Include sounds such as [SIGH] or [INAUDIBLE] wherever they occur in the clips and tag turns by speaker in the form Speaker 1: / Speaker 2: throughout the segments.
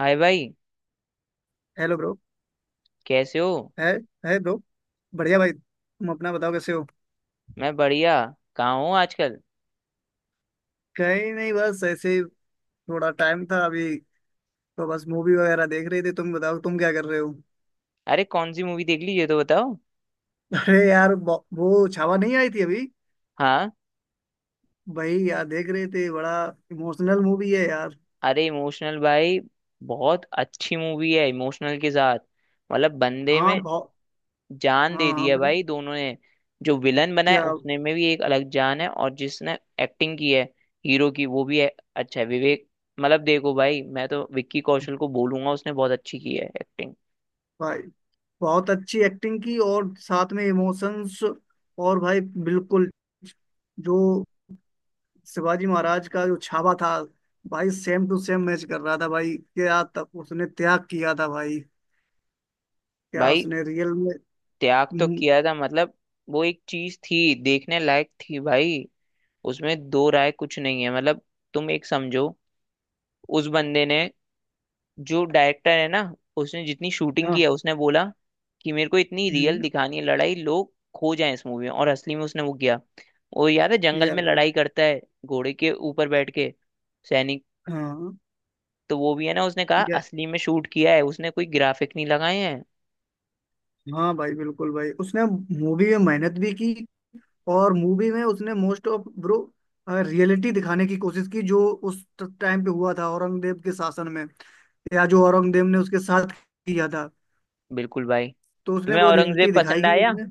Speaker 1: हाय भाई।
Speaker 2: Hello bro.
Speaker 1: कैसे हो।
Speaker 2: है। है ब्रो। बढ़िया भाई, तुम अपना बताओ कैसे हो।
Speaker 1: मैं बढ़िया। कहाँ हूँ आजकल।
Speaker 2: कहीं नहीं, बस ऐसे ही। थोड़ा टाइम था अभी तो बस मूवी वगैरह देख रहे थे। तुम बताओ तुम क्या कर रहे हो।
Speaker 1: अरे कौन सी मूवी देख ली ये तो बताओ।
Speaker 2: अरे यार, वो छावा नहीं आई थी अभी।
Speaker 1: हाँ।
Speaker 2: भाई यार देख रहे थे। बड़ा इमोशनल मूवी है यार।
Speaker 1: अरे इमोशनल भाई, बहुत अच्छी मूवी है इमोशनल के साथ। मतलब बंदे
Speaker 2: हाँ,
Speaker 1: में
Speaker 2: बहुत।
Speaker 1: जान
Speaker 2: हाँ
Speaker 1: दे दी
Speaker 2: हाँ
Speaker 1: है
Speaker 2: भाई।
Speaker 1: भाई, दोनों ने। जो विलन बना है
Speaker 2: क्या।
Speaker 1: उसने में भी एक अलग जान है, और जिसने एक्टिंग की है हीरो की वो भी है। अच्छा है विवेक। मतलब देखो भाई, मैं तो विक्की कौशल को बोलूंगा, उसने बहुत अच्छी की है एक्टिंग।
Speaker 2: भाई, बहुत अच्छी एक्टिंग की और साथ में इमोशंस, और भाई बिल्कुल। जो शिवाजी महाराज का जो छावा था भाई, सेम टू सेम मैच कर रहा था भाई। क्या तब उसने त्याग किया था भाई। क्या
Speaker 1: भाई
Speaker 2: उसने रियल में।
Speaker 1: त्याग तो
Speaker 2: हम्म।
Speaker 1: किया था, मतलब वो एक चीज थी देखने लायक थी भाई। उसमें दो राय कुछ नहीं है। मतलब तुम एक समझो, उस बंदे ने, जो डायरेक्टर है ना, उसने जितनी शूटिंग की
Speaker 2: हाँ।
Speaker 1: है उसने बोला कि मेरे को इतनी रियल
Speaker 2: हम्म।
Speaker 1: दिखानी है लड़ाई, लोग खो जाएं इस मूवी में, और असली में उसने वो किया। वो याद है जंगल
Speaker 2: किया
Speaker 1: में
Speaker 2: भाई।
Speaker 1: लड़ाई करता है घोड़े के ऊपर बैठ के सैनिक,
Speaker 2: हाँ।
Speaker 1: तो वो भी है ना, उसने कहा
Speaker 2: या-
Speaker 1: असली में शूट किया है, उसने कोई ग्राफिक नहीं लगाए हैं।
Speaker 2: हाँ भाई, बिल्कुल भाई, उसने मूवी में मेहनत भी की, और मूवी में उसने मोस्ट ऑफ ब्रो रियलिटी दिखाने की कोशिश की जो उस टाइम पे हुआ था औरंगजेब के शासन में, या जो औरंगजेब ने उसके साथ किया था।
Speaker 1: बिल्कुल भाई।
Speaker 2: तो उसने
Speaker 1: तुम्हें
Speaker 2: वो
Speaker 1: औरंगजेब
Speaker 2: रियलिटी दिखाई
Speaker 1: पसंद
Speaker 2: कि
Speaker 1: आया?
Speaker 2: उसने।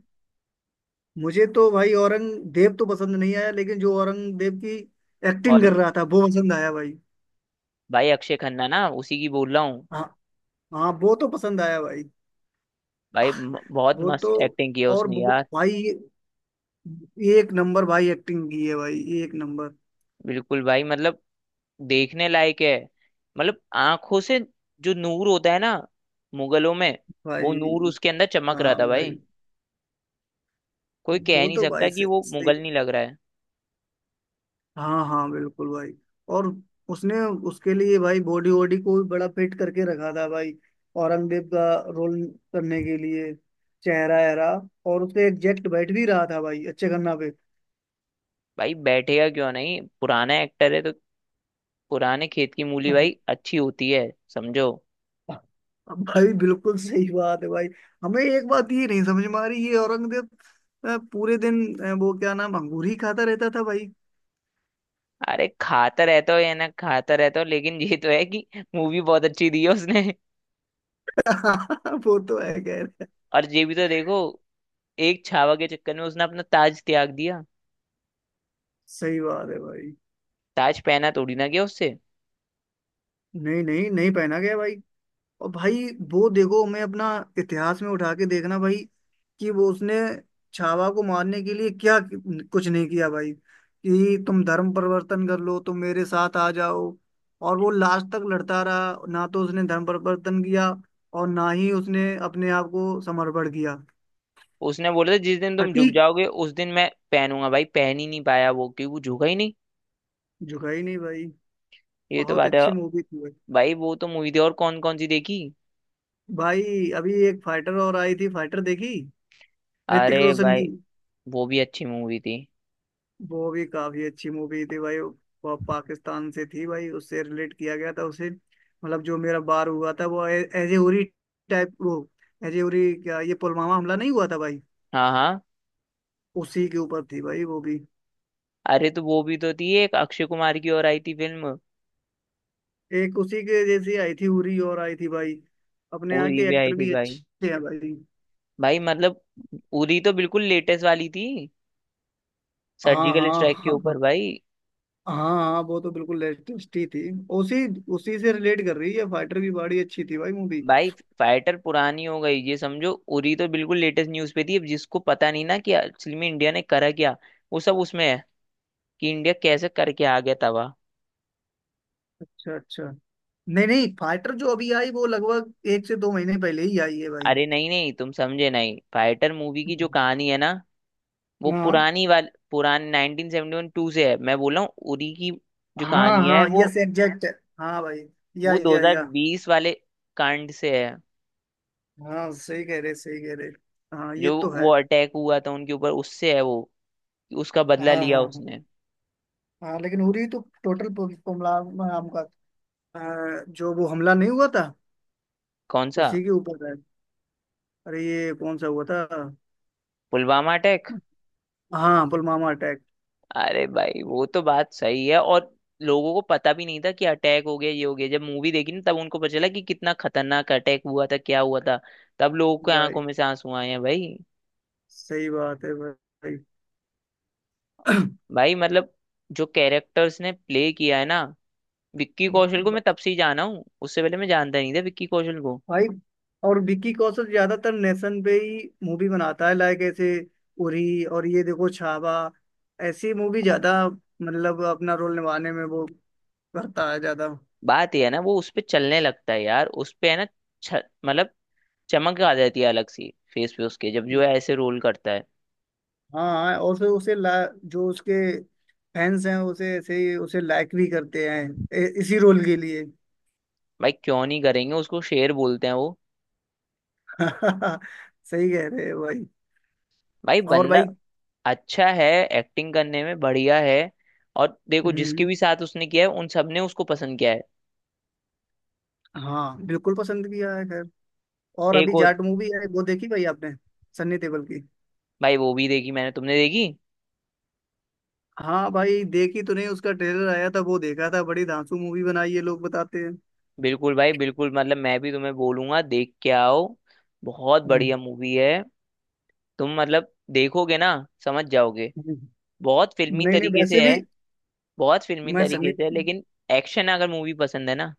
Speaker 2: मुझे तो भाई औरंगजेब तो पसंद नहीं आया, लेकिन जो औरंगजेब की एक्टिंग कर
Speaker 1: औरंग,
Speaker 2: रहा था वो पसंद आया भाई।
Speaker 1: भाई अक्षय खन्ना ना, उसी की बोल रहा हूँ।
Speaker 2: हाँ हाँ, वो तो पसंद आया भाई।
Speaker 1: बहुत
Speaker 2: वो
Speaker 1: मस्त
Speaker 2: तो
Speaker 1: एक्टिंग की है
Speaker 2: और
Speaker 1: उसने
Speaker 2: वो,
Speaker 1: यार।
Speaker 2: भाई ये एक नंबर भाई एक्टिंग की है, भाई एक नंबर।
Speaker 1: बिल्कुल भाई, मतलब देखने लायक है। मतलब आंखों से जो नूर होता है ना मुगलों में, वो
Speaker 2: भाई
Speaker 1: नूर उसके अंदर चमक रहा
Speaker 2: हाँ
Speaker 1: था
Speaker 2: भाई।
Speaker 1: भाई। कोई कह
Speaker 2: वो
Speaker 1: नहीं
Speaker 2: तो
Speaker 1: सकता
Speaker 2: भाई
Speaker 1: कि वो
Speaker 2: सही।
Speaker 1: मुगल नहीं लग रहा है।
Speaker 2: हाँ हाँ, बिल्कुल भाई। और उसने, उसके लिए भाई बॉडी वॉडी को भी बड़ा फिट करके रखा था भाई, औरंगजेब का रोल करने के लिए। चेहरा एहरा और उसके एग्जैक्ट बैठ भी रहा था भाई, अच्छे गन्ना पे।
Speaker 1: भाई बैठेगा क्यों नहीं, पुराना एक्टर है तो। पुराने खेत की मूली
Speaker 2: हम्म।
Speaker 1: भाई अच्छी होती है, समझो।
Speaker 2: अब भाई बिल्कुल सही बात है भाई। हमें एक बात ये नहीं समझ में आ रही, ये औरंगजेब पूरे दिन वो क्या नाम, अंगूर ही खाता रहता था भाई।
Speaker 1: अरे खाता रहता हो या ना खाता रहता हो, लेकिन ये तो है कि मूवी बहुत अच्छी दी है उसने।
Speaker 2: [LAUGHS] वो तो है, कह रहे।
Speaker 1: और ये भी तो देखो, एक छावा के चक्कर में उसने अपना ताज त्याग दिया।
Speaker 2: सही बात है भाई।
Speaker 1: ताज पहना थोड़ी ना गया उससे।
Speaker 2: नहीं नहीं नहीं, पहना गया भाई। और भाई वो देखो, मैं अपना इतिहास में उठा के देखना भाई, कि वो उसने छावा को मारने के लिए क्या कुछ नहीं किया भाई, कि तुम धर्म परिवर्तन कर लो, तुम मेरे साथ आ जाओ। और वो लास्ट तक लड़ता रहा ना, तो उसने धर्म परिवर्तन किया, और ना ही उसने अपने आप को समर्पण किया।
Speaker 1: उसने बोला था जिस दिन तुम झुक
Speaker 2: अटीक।
Speaker 1: जाओगे उस दिन मैं पहनूंगा, भाई पहन ही नहीं पाया वो, क्योंकि वो झुका ही नहीं।
Speaker 2: झुका ही नहीं भाई।
Speaker 1: ये तो
Speaker 2: बहुत
Speaker 1: बात है।
Speaker 2: अच्छी मूवी थी भाई।
Speaker 1: भाई वो तो मूवी थी, और कौन कौन सी देखी?
Speaker 2: भाई अभी एक फाइटर और आई थी, फाइटर देखी, ऋतिक
Speaker 1: अरे
Speaker 2: रोशन
Speaker 1: भाई,
Speaker 2: की।
Speaker 1: वो भी अच्छी मूवी थी।
Speaker 2: वो भी काफी अच्छी मूवी थी भाई। वो पाकिस्तान से थी भाई, उससे रिलेट किया गया था उसे, मतलब जो मेरा बार हुआ था वो एजे उरी टाइप वो। एजे उरी क्या, ये पुलवामा हमला नहीं हुआ था भाई।
Speaker 1: हाँ हाँ।
Speaker 2: उसी के ऊपर थी भाई वो भी।
Speaker 1: अरे तो वो भी तो थी, एक अक्षय कुमार की और आई थी फिल्म।
Speaker 2: एक उसी के जैसी आई थी, उरी और आई थी भाई। अपने यहाँ
Speaker 1: उरी
Speaker 2: के
Speaker 1: भी आई
Speaker 2: एक्टर
Speaker 1: थी
Speaker 2: भी
Speaker 1: भाई।
Speaker 2: अच्छे हैं भाई।
Speaker 1: भाई मतलब उरी तो बिल्कुल लेटेस्ट वाली थी,
Speaker 2: हाँ
Speaker 1: सर्जिकल
Speaker 2: हाँ
Speaker 1: स्ट्राइक के ऊपर
Speaker 2: हाँ।
Speaker 1: भाई।
Speaker 2: हाँ हाँ, वो तो बिल्कुल लेटेस्ट ही थी। उसी उसी से रिलेट कर रही है, फाइटर भी बड़ी अच्छी थी भाई मूवी।
Speaker 1: भाई फाइटर पुरानी हो गई ये समझो। उरी तो बिल्कुल लेटेस्ट न्यूज पे थी। अब जिसको पता नहीं ना कि असल में इंडिया ने करा क्या, वो सब उसमें है, कि इंडिया कैसे करके आ गया तवा।
Speaker 2: अच्छा, अच्छा। नहीं नहीं, फाइटर जो अभी आई वो लगभग 1 से 2 महीने पहले ही आई है भाई।
Speaker 1: अरे नहीं नहीं, तुम समझे नहीं। फाइटर मूवी की जो
Speaker 2: हम्म।
Speaker 1: कहानी है ना, वो
Speaker 2: हाँ
Speaker 1: पुरानी वाली, पुरानी 1971 टू से है। मैं बोल रहा हूँ उरी की जो
Speaker 2: हाँ
Speaker 1: कहानी है
Speaker 2: हाँ,
Speaker 1: वो
Speaker 2: यस एग्जैक्ट। हाँ भाई।
Speaker 1: वो
Speaker 2: या या।
Speaker 1: 2020 वाले कांड से है।
Speaker 2: हाँ सही कह रहे, सही कह रहे। हाँ ये
Speaker 1: जो
Speaker 2: तो
Speaker 1: वो
Speaker 2: है।
Speaker 1: अटैक हुआ था उनके ऊपर, उससे है वो, कि उसका
Speaker 2: हाँ
Speaker 1: बदला
Speaker 2: हाँ
Speaker 1: लिया
Speaker 2: हाँ
Speaker 1: उसने।
Speaker 2: हाँ, लेकिन उरी तो टोटल पुमला नाम का जो वो हमला नहीं हुआ था,
Speaker 1: कौन सा?
Speaker 2: उसी के ऊपर है। अरे ये कौन सा हुआ था।
Speaker 1: पुलवामा अटैक।
Speaker 2: हाँ, पुलवामा अटैक।
Speaker 1: अरे भाई वो तो बात सही है। और लोगों को पता भी नहीं था कि अटैक हो गया ये हो गया, जब मूवी देखी ना तब उनको पता चला कि कितना खतरनाक अटैक हुआ था, क्या हुआ था। तब लोगों के
Speaker 2: भाई
Speaker 1: आंखों में से आंसू आए हैं भाई।
Speaker 2: सही बात है भाई।
Speaker 1: भाई मतलब, जो कैरेक्टर्स ने प्ले किया है ना, विक्की कौशल को मैं तब
Speaker 2: [CLEARS THROAT]
Speaker 1: से ही जाना हूँ। उससे पहले मैं जानता नहीं था विक्की कौशल को।
Speaker 2: भाई, और विक्की कौशल ज्यादातर नेशन पे ही मूवी बनाता है, लाइक ऐसे, उरी और ये देखो छावा। ऐसी मूवी ज्यादा, मतलब अपना रोल निभाने में वो करता है ज्यादा।
Speaker 1: बात ये है ना, वो उस पे चलने लगता है यार, उस पे है ना। मतलब चमक आ जाती है अलग सी फेस पे उसके, जब जो है ऐसे रोल करता है।
Speaker 2: हाँ, और फिर उसे जो उसके फैंस हैं उसे ऐसे ही, उसे लाइक भी करते हैं इसी रोल के लिए। [LAUGHS]
Speaker 1: भाई क्यों नहीं करेंगे, उसको शेर बोलते हैं वो।
Speaker 2: सही कह रहे हैं भाई।
Speaker 1: भाई
Speaker 2: और
Speaker 1: बंदा
Speaker 2: भाई।
Speaker 1: अच्छा है, एक्टिंग करने में बढ़िया है। और देखो जिसके
Speaker 2: हम्म।
Speaker 1: भी साथ उसने किया है, उन सब ने उसको पसंद किया है।
Speaker 2: हाँ, बिल्कुल पसंद किया है, खैर। और
Speaker 1: एक
Speaker 2: अभी
Speaker 1: और?
Speaker 2: जाट मूवी है, वो देखी भाई आपने, सन्नी देओल की।
Speaker 1: भाई वो भी देखी मैंने, तुमने देखी?
Speaker 2: हाँ भाई, देखी तो नहीं, उसका ट्रेलर आया था वो देखा था, बड़ी धांसू मूवी बनाई है, लोग बताते हैं।
Speaker 1: बिल्कुल भाई, बिल्कुल। मतलब मैं भी तुम्हें बोलूंगा देख के आओ, बहुत
Speaker 2: हम्म।
Speaker 1: बढ़िया मूवी है। तुम मतलब देखोगे ना, समझ जाओगे।
Speaker 2: हम्म।
Speaker 1: बहुत फिल्मी
Speaker 2: नहीं नहीं,
Speaker 1: तरीके
Speaker 2: वैसे
Speaker 1: से
Speaker 2: भी
Speaker 1: है। बहुत फिल्मी
Speaker 2: मैं सनी।
Speaker 1: तरीके से है, लेकिन एक्शन अगर मूवी पसंद है ना,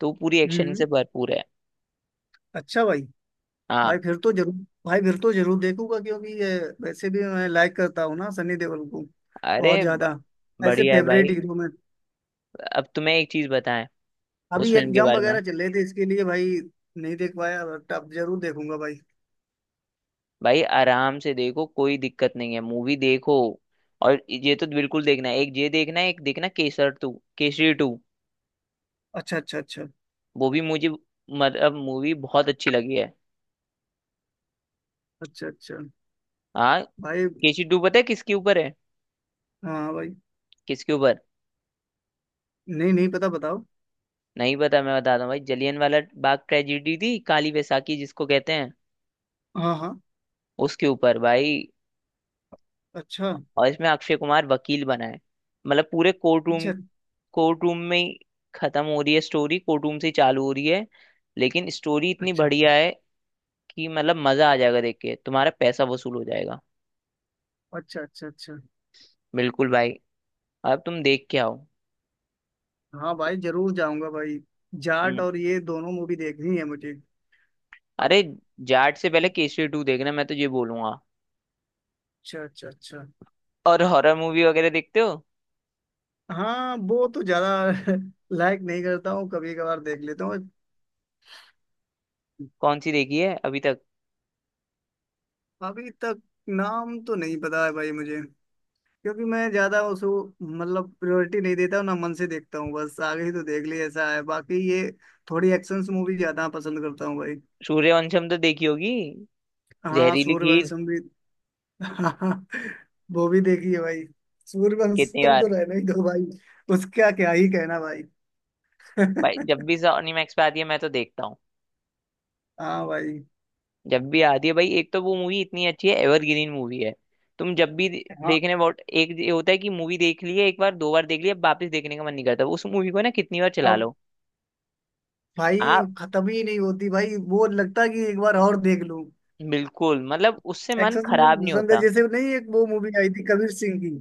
Speaker 1: तो पूरी एक्शन से
Speaker 2: हम्म।
Speaker 1: भरपूर है।
Speaker 2: अच्छा भाई। भाई
Speaker 1: हाँ।
Speaker 2: फिर तो जरूर। भाई फिर तो जरूर देखूंगा क्योंकि ये, वैसे भी मैं लाइक करता हूँ ना सनी देओल को, बहुत
Speaker 1: अरे ब-
Speaker 2: ज्यादा। ऐसे
Speaker 1: बढ़िया है
Speaker 2: फेवरेट
Speaker 1: भाई।
Speaker 2: हीरो में।
Speaker 1: अब तुम्हें एक चीज बताएं उस
Speaker 2: अभी
Speaker 1: फिल्म के
Speaker 2: एग्जाम
Speaker 1: बारे में।
Speaker 2: वगैरह चल रहे थे, इसके लिए भाई नहीं देख पाया, बट अब जरूर देखूंगा भाई।
Speaker 1: भाई आराम से देखो, कोई दिक्कत नहीं है, मूवी देखो। और ये तो बिल्कुल देखना है, एक ये देखना है, एक देखना केसरी टू।
Speaker 2: अच्छा अच्छा अच्छा।
Speaker 1: वो भी मुझे मतलब मूवी बहुत अच्छी लगी है।
Speaker 2: अच्छा, अच्छा
Speaker 1: हाँ।
Speaker 2: भाई।
Speaker 1: केसरी टू पता है किसके ऊपर है?
Speaker 2: हाँ भाई।
Speaker 1: किसके ऊपर?
Speaker 2: नहीं नहीं पता, बताओ।
Speaker 1: नहीं पता, मैं बताता हूँ भाई, जलियन वाला बाग ट्रेजिडी थी, काली बैसाखी जिसको कहते हैं,
Speaker 2: हाँ हाँ।
Speaker 1: उसके ऊपर भाई।
Speaker 2: अच्छा
Speaker 1: और इसमें अक्षय कुमार वकील बना है। मतलब पूरे कोर्ट रूम,
Speaker 2: अच्छा
Speaker 1: कोर्ट रूम में ही खत्म हो रही है स्टोरी, कोर्ट रूम से ही चालू हो रही है। लेकिन स्टोरी इतनी
Speaker 2: अच्छा।
Speaker 1: बढ़िया है कि मतलब मजा आ जाएगा देख के, तुम्हारा पैसा वसूल हो जाएगा।
Speaker 2: अच्छा अच्छा अच्छा।
Speaker 1: बिल्कुल भाई। अब तुम देख के आओ।
Speaker 2: हाँ भाई, जरूर जाऊंगा भाई। जाट
Speaker 1: हम्म।
Speaker 2: और ये, दोनों मूवी देखनी है मुझे। अब
Speaker 1: अरे जाट से पहले केसरी टू देखना, मैं तो ये बोलूंगा।
Speaker 2: अच्छा अच्छा अच्छा।
Speaker 1: और हॉरर मूवी वगैरह देखते हो?
Speaker 2: हाँ वो तो ज्यादा [LAUGHS] लाइक नहीं करता हूँ, कभी कभार देख लेता हूँ।
Speaker 1: कौन सी देखी है अभी तक?
Speaker 2: अभी तक नाम तो नहीं पता है भाई मुझे, क्योंकि मैं ज्यादा उसको, मतलब प्रायोरिटी नहीं देता हूँ ना, मन से देखता हूँ बस, आगे ही तो देख ली, ऐसा है बाकी ये, थोड़ी एक्शन मूवी ज्यादा पसंद करता हूँ भाई।
Speaker 1: सूर्यवंशम तो देखी होगी,
Speaker 2: हाँ,
Speaker 1: जहरीली खीर।
Speaker 2: सूर्यवंशम भी। [LAUGHS] हाँ, वो भी देखी है भाई।
Speaker 1: कितनी
Speaker 2: सूर्यवंशम तो
Speaker 1: बार?
Speaker 2: रहने ही दो भाई। उसका क्या ही कहना भाई।
Speaker 1: भाई जब
Speaker 2: [LAUGHS]
Speaker 1: भी सोनी मैक्स पे आती है, मैं तो देखता हूँ।
Speaker 2: हाँ भाई।
Speaker 1: जब भी आती है भाई। एक तो वो मूवी इतनी अच्छी है, एवरग्रीन मूवी है। तुम जब भी दे-
Speaker 2: हाँ
Speaker 1: देखने बहुत एक ये होता है कि मूवी देख ली है, एक बार दो बार देख ली है, वापस देखने का मन नहीं करता उस मूवी को ना, कितनी बार चला
Speaker 2: अब भाई,
Speaker 1: लो।
Speaker 2: खत्म ही नहीं होती भाई, वो लगता है कि एक बार और देख लूं।
Speaker 1: बिल्कुल, मतलब उससे मन
Speaker 2: एक्सेस मूवी
Speaker 1: खराब नहीं
Speaker 2: पसंद है,
Speaker 1: होता।
Speaker 2: जैसे नहीं, एक वो मूवी आई थी कबीर सिंह की।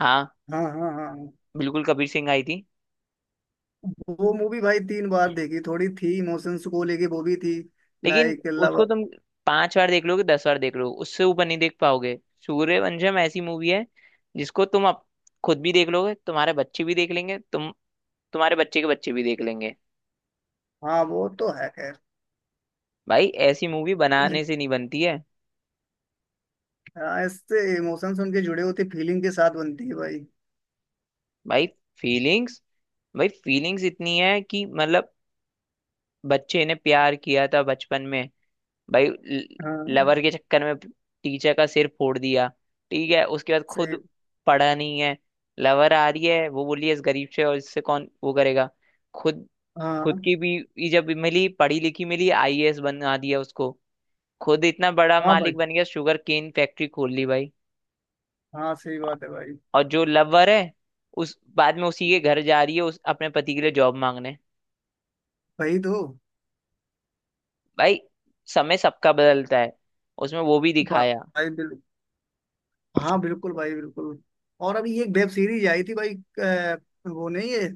Speaker 1: हाँ,
Speaker 2: हाँ हाँ हाँ हाँ।
Speaker 1: बिल्कुल कबीर सिंह आई थी।
Speaker 2: वो मूवी भाई 3 बार देखी थोड़ी थी, इमोशंस को लेके वो भी थी,
Speaker 1: लेकिन
Speaker 2: लाइक लव।
Speaker 1: उसको तुम पांच बार देख लोगे, दस बार देख लोगे, उससे ऊपर नहीं देख पाओगे। सूर्यवंशम ऐसी मूवी है जिसको तुम खुद भी देख लोगे, तुम्हारे बच्चे भी देख लेंगे, तुम्हारे बच्चे के बच्चे भी देख लेंगे।
Speaker 2: हाँ वो तो है, खैर।
Speaker 1: भाई ऐसी मूवी बनाने
Speaker 2: लेकिन-
Speaker 1: से नहीं बनती है।
Speaker 2: हाँ, इससे इमोशंस उनके जुड़े होते, फीलिंग के साथ बनती है भाई।
Speaker 1: भाई फीलिंग्स, भाई फीलिंग्स इतनी है कि मतलब बच्चे ने प्यार किया था बचपन में भाई,
Speaker 2: हाँ
Speaker 1: लवर के चक्कर में टीचर का सिर फोड़ दिया। ठीक है, उसके बाद
Speaker 2: सही।
Speaker 1: खुद पढ़ा नहीं है। लवर आ रही है वो, बोली है, इस गरीब से और इससे कौन वो करेगा। खुद, खुद
Speaker 2: हाँ
Speaker 1: की भी जब मिली, पढ़ी लिखी मिली, आईएएस बना दिया उसको। खुद इतना बड़ा
Speaker 2: हाँ भाई।
Speaker 1: मालिक बन गया, शुगर केन फैक्ट्री खोल ली भाई।
Speaker 2: हाँ सही बात है भाई।
Speaker 1: और जो लवर है, उस बाद में उसी के घर जा रही है, उस अपने पति के लिए जॉब मांगने।
Speaker 2: भाई तो।
Speaker 1: भाई समय सबका बदलता है, उसमें वो भी
Speaker 2: भा-
Speaker 1: दिखाया।
Speaker 2: भाई बिल, हाँ बिल्कुल भाई, बिल्कुल। और अभी एक वेब सीरीज आई थी भाई, अ, वो नहीं है,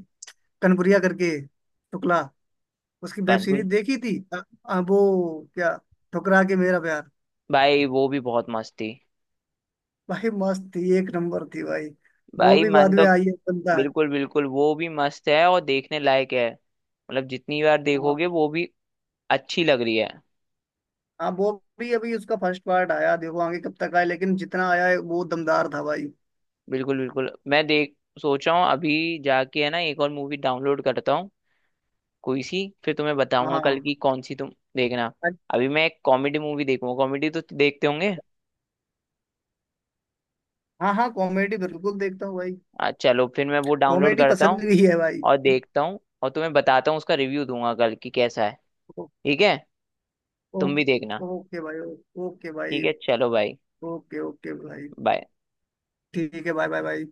Speaker 2: कनपुरिया करके टुकला, उसकी वेब
Speaker 1: कानपुर?
Speaker 2: सीरीज देखी थी, वो क्या, ठुकरा के मेरा प्यार।
Speaker 1: भाई वो भी बहुत मस्त थी।
Speaker 2: भाई मस्त थी, एक नंबर थी भाई। वो
Speaker 1: भाई
Speaker 2: भी
Speaker 1: मन
Speaker 2: बाद में
Speaker 1: तो।
Speaker 2: आई है, बनता है।
Speaker 1: बिल्कुल बिल्कुल, वो भी मस्त है और देखने लायक है, मतलब जितनी बार
Speaker 2: हाँ
Speaker 1: देखोगे वो भी अच्छी लग रही है।
Speaker 2: हाँ। वो भी अभी उसका फर्स्ट पार्ट आया, देखो आगे कब तक आया, लेकिन जितना आया है वो दमदार था भाई।
Speaker 1: बिल्कुल बिल्कुल। मैं देख सोचा हूँ, अभी जाके है ना एक और मूवी डाउनलोड करता हूँ कोई सी, फिर तुम्हें
Speaker 2: हाँ
Speaker 1: बताऊंगा कल
Speaker 2: हाँ
Speaker 1: की कौन सी तुम देखना। अभी मैं एक कॉमेडी मूवी देखूंगा, कॉमेडी तो देखते होंगे।
Speaker 2: हाँ। हाँ, कॉमेडी बिल्कुल देखता हूँ भाई।
Speaker 1: चलो फिर मैं वो डाउनलोड
Speaker 2: कॉमेडी
Speaker 1: करता
Speaker 2: पसंद
Speaker 1: हूँ
Speaker 2: भी है भाई।
Speaker 1: और देखता हूँ, और तुम्हें बताता हूँ, उसका रिव्यू दूंगा कल की कैसा है।
Speaker 2: ओ-
Speaker 1: ठीक है,
Speaker 2: ओ-
Speaker 1: तुम भी देखना।
Speaker 2: ओके भाई। ओके
Speaker 1: ठीक
Speaker 2: भाई।
Speaker 1: है चलो भाई।
Speaker 2: ओके ओके भाई।
Speaker 1: बाय।
Speaker 2: ठीक है, बाय बाय भाई।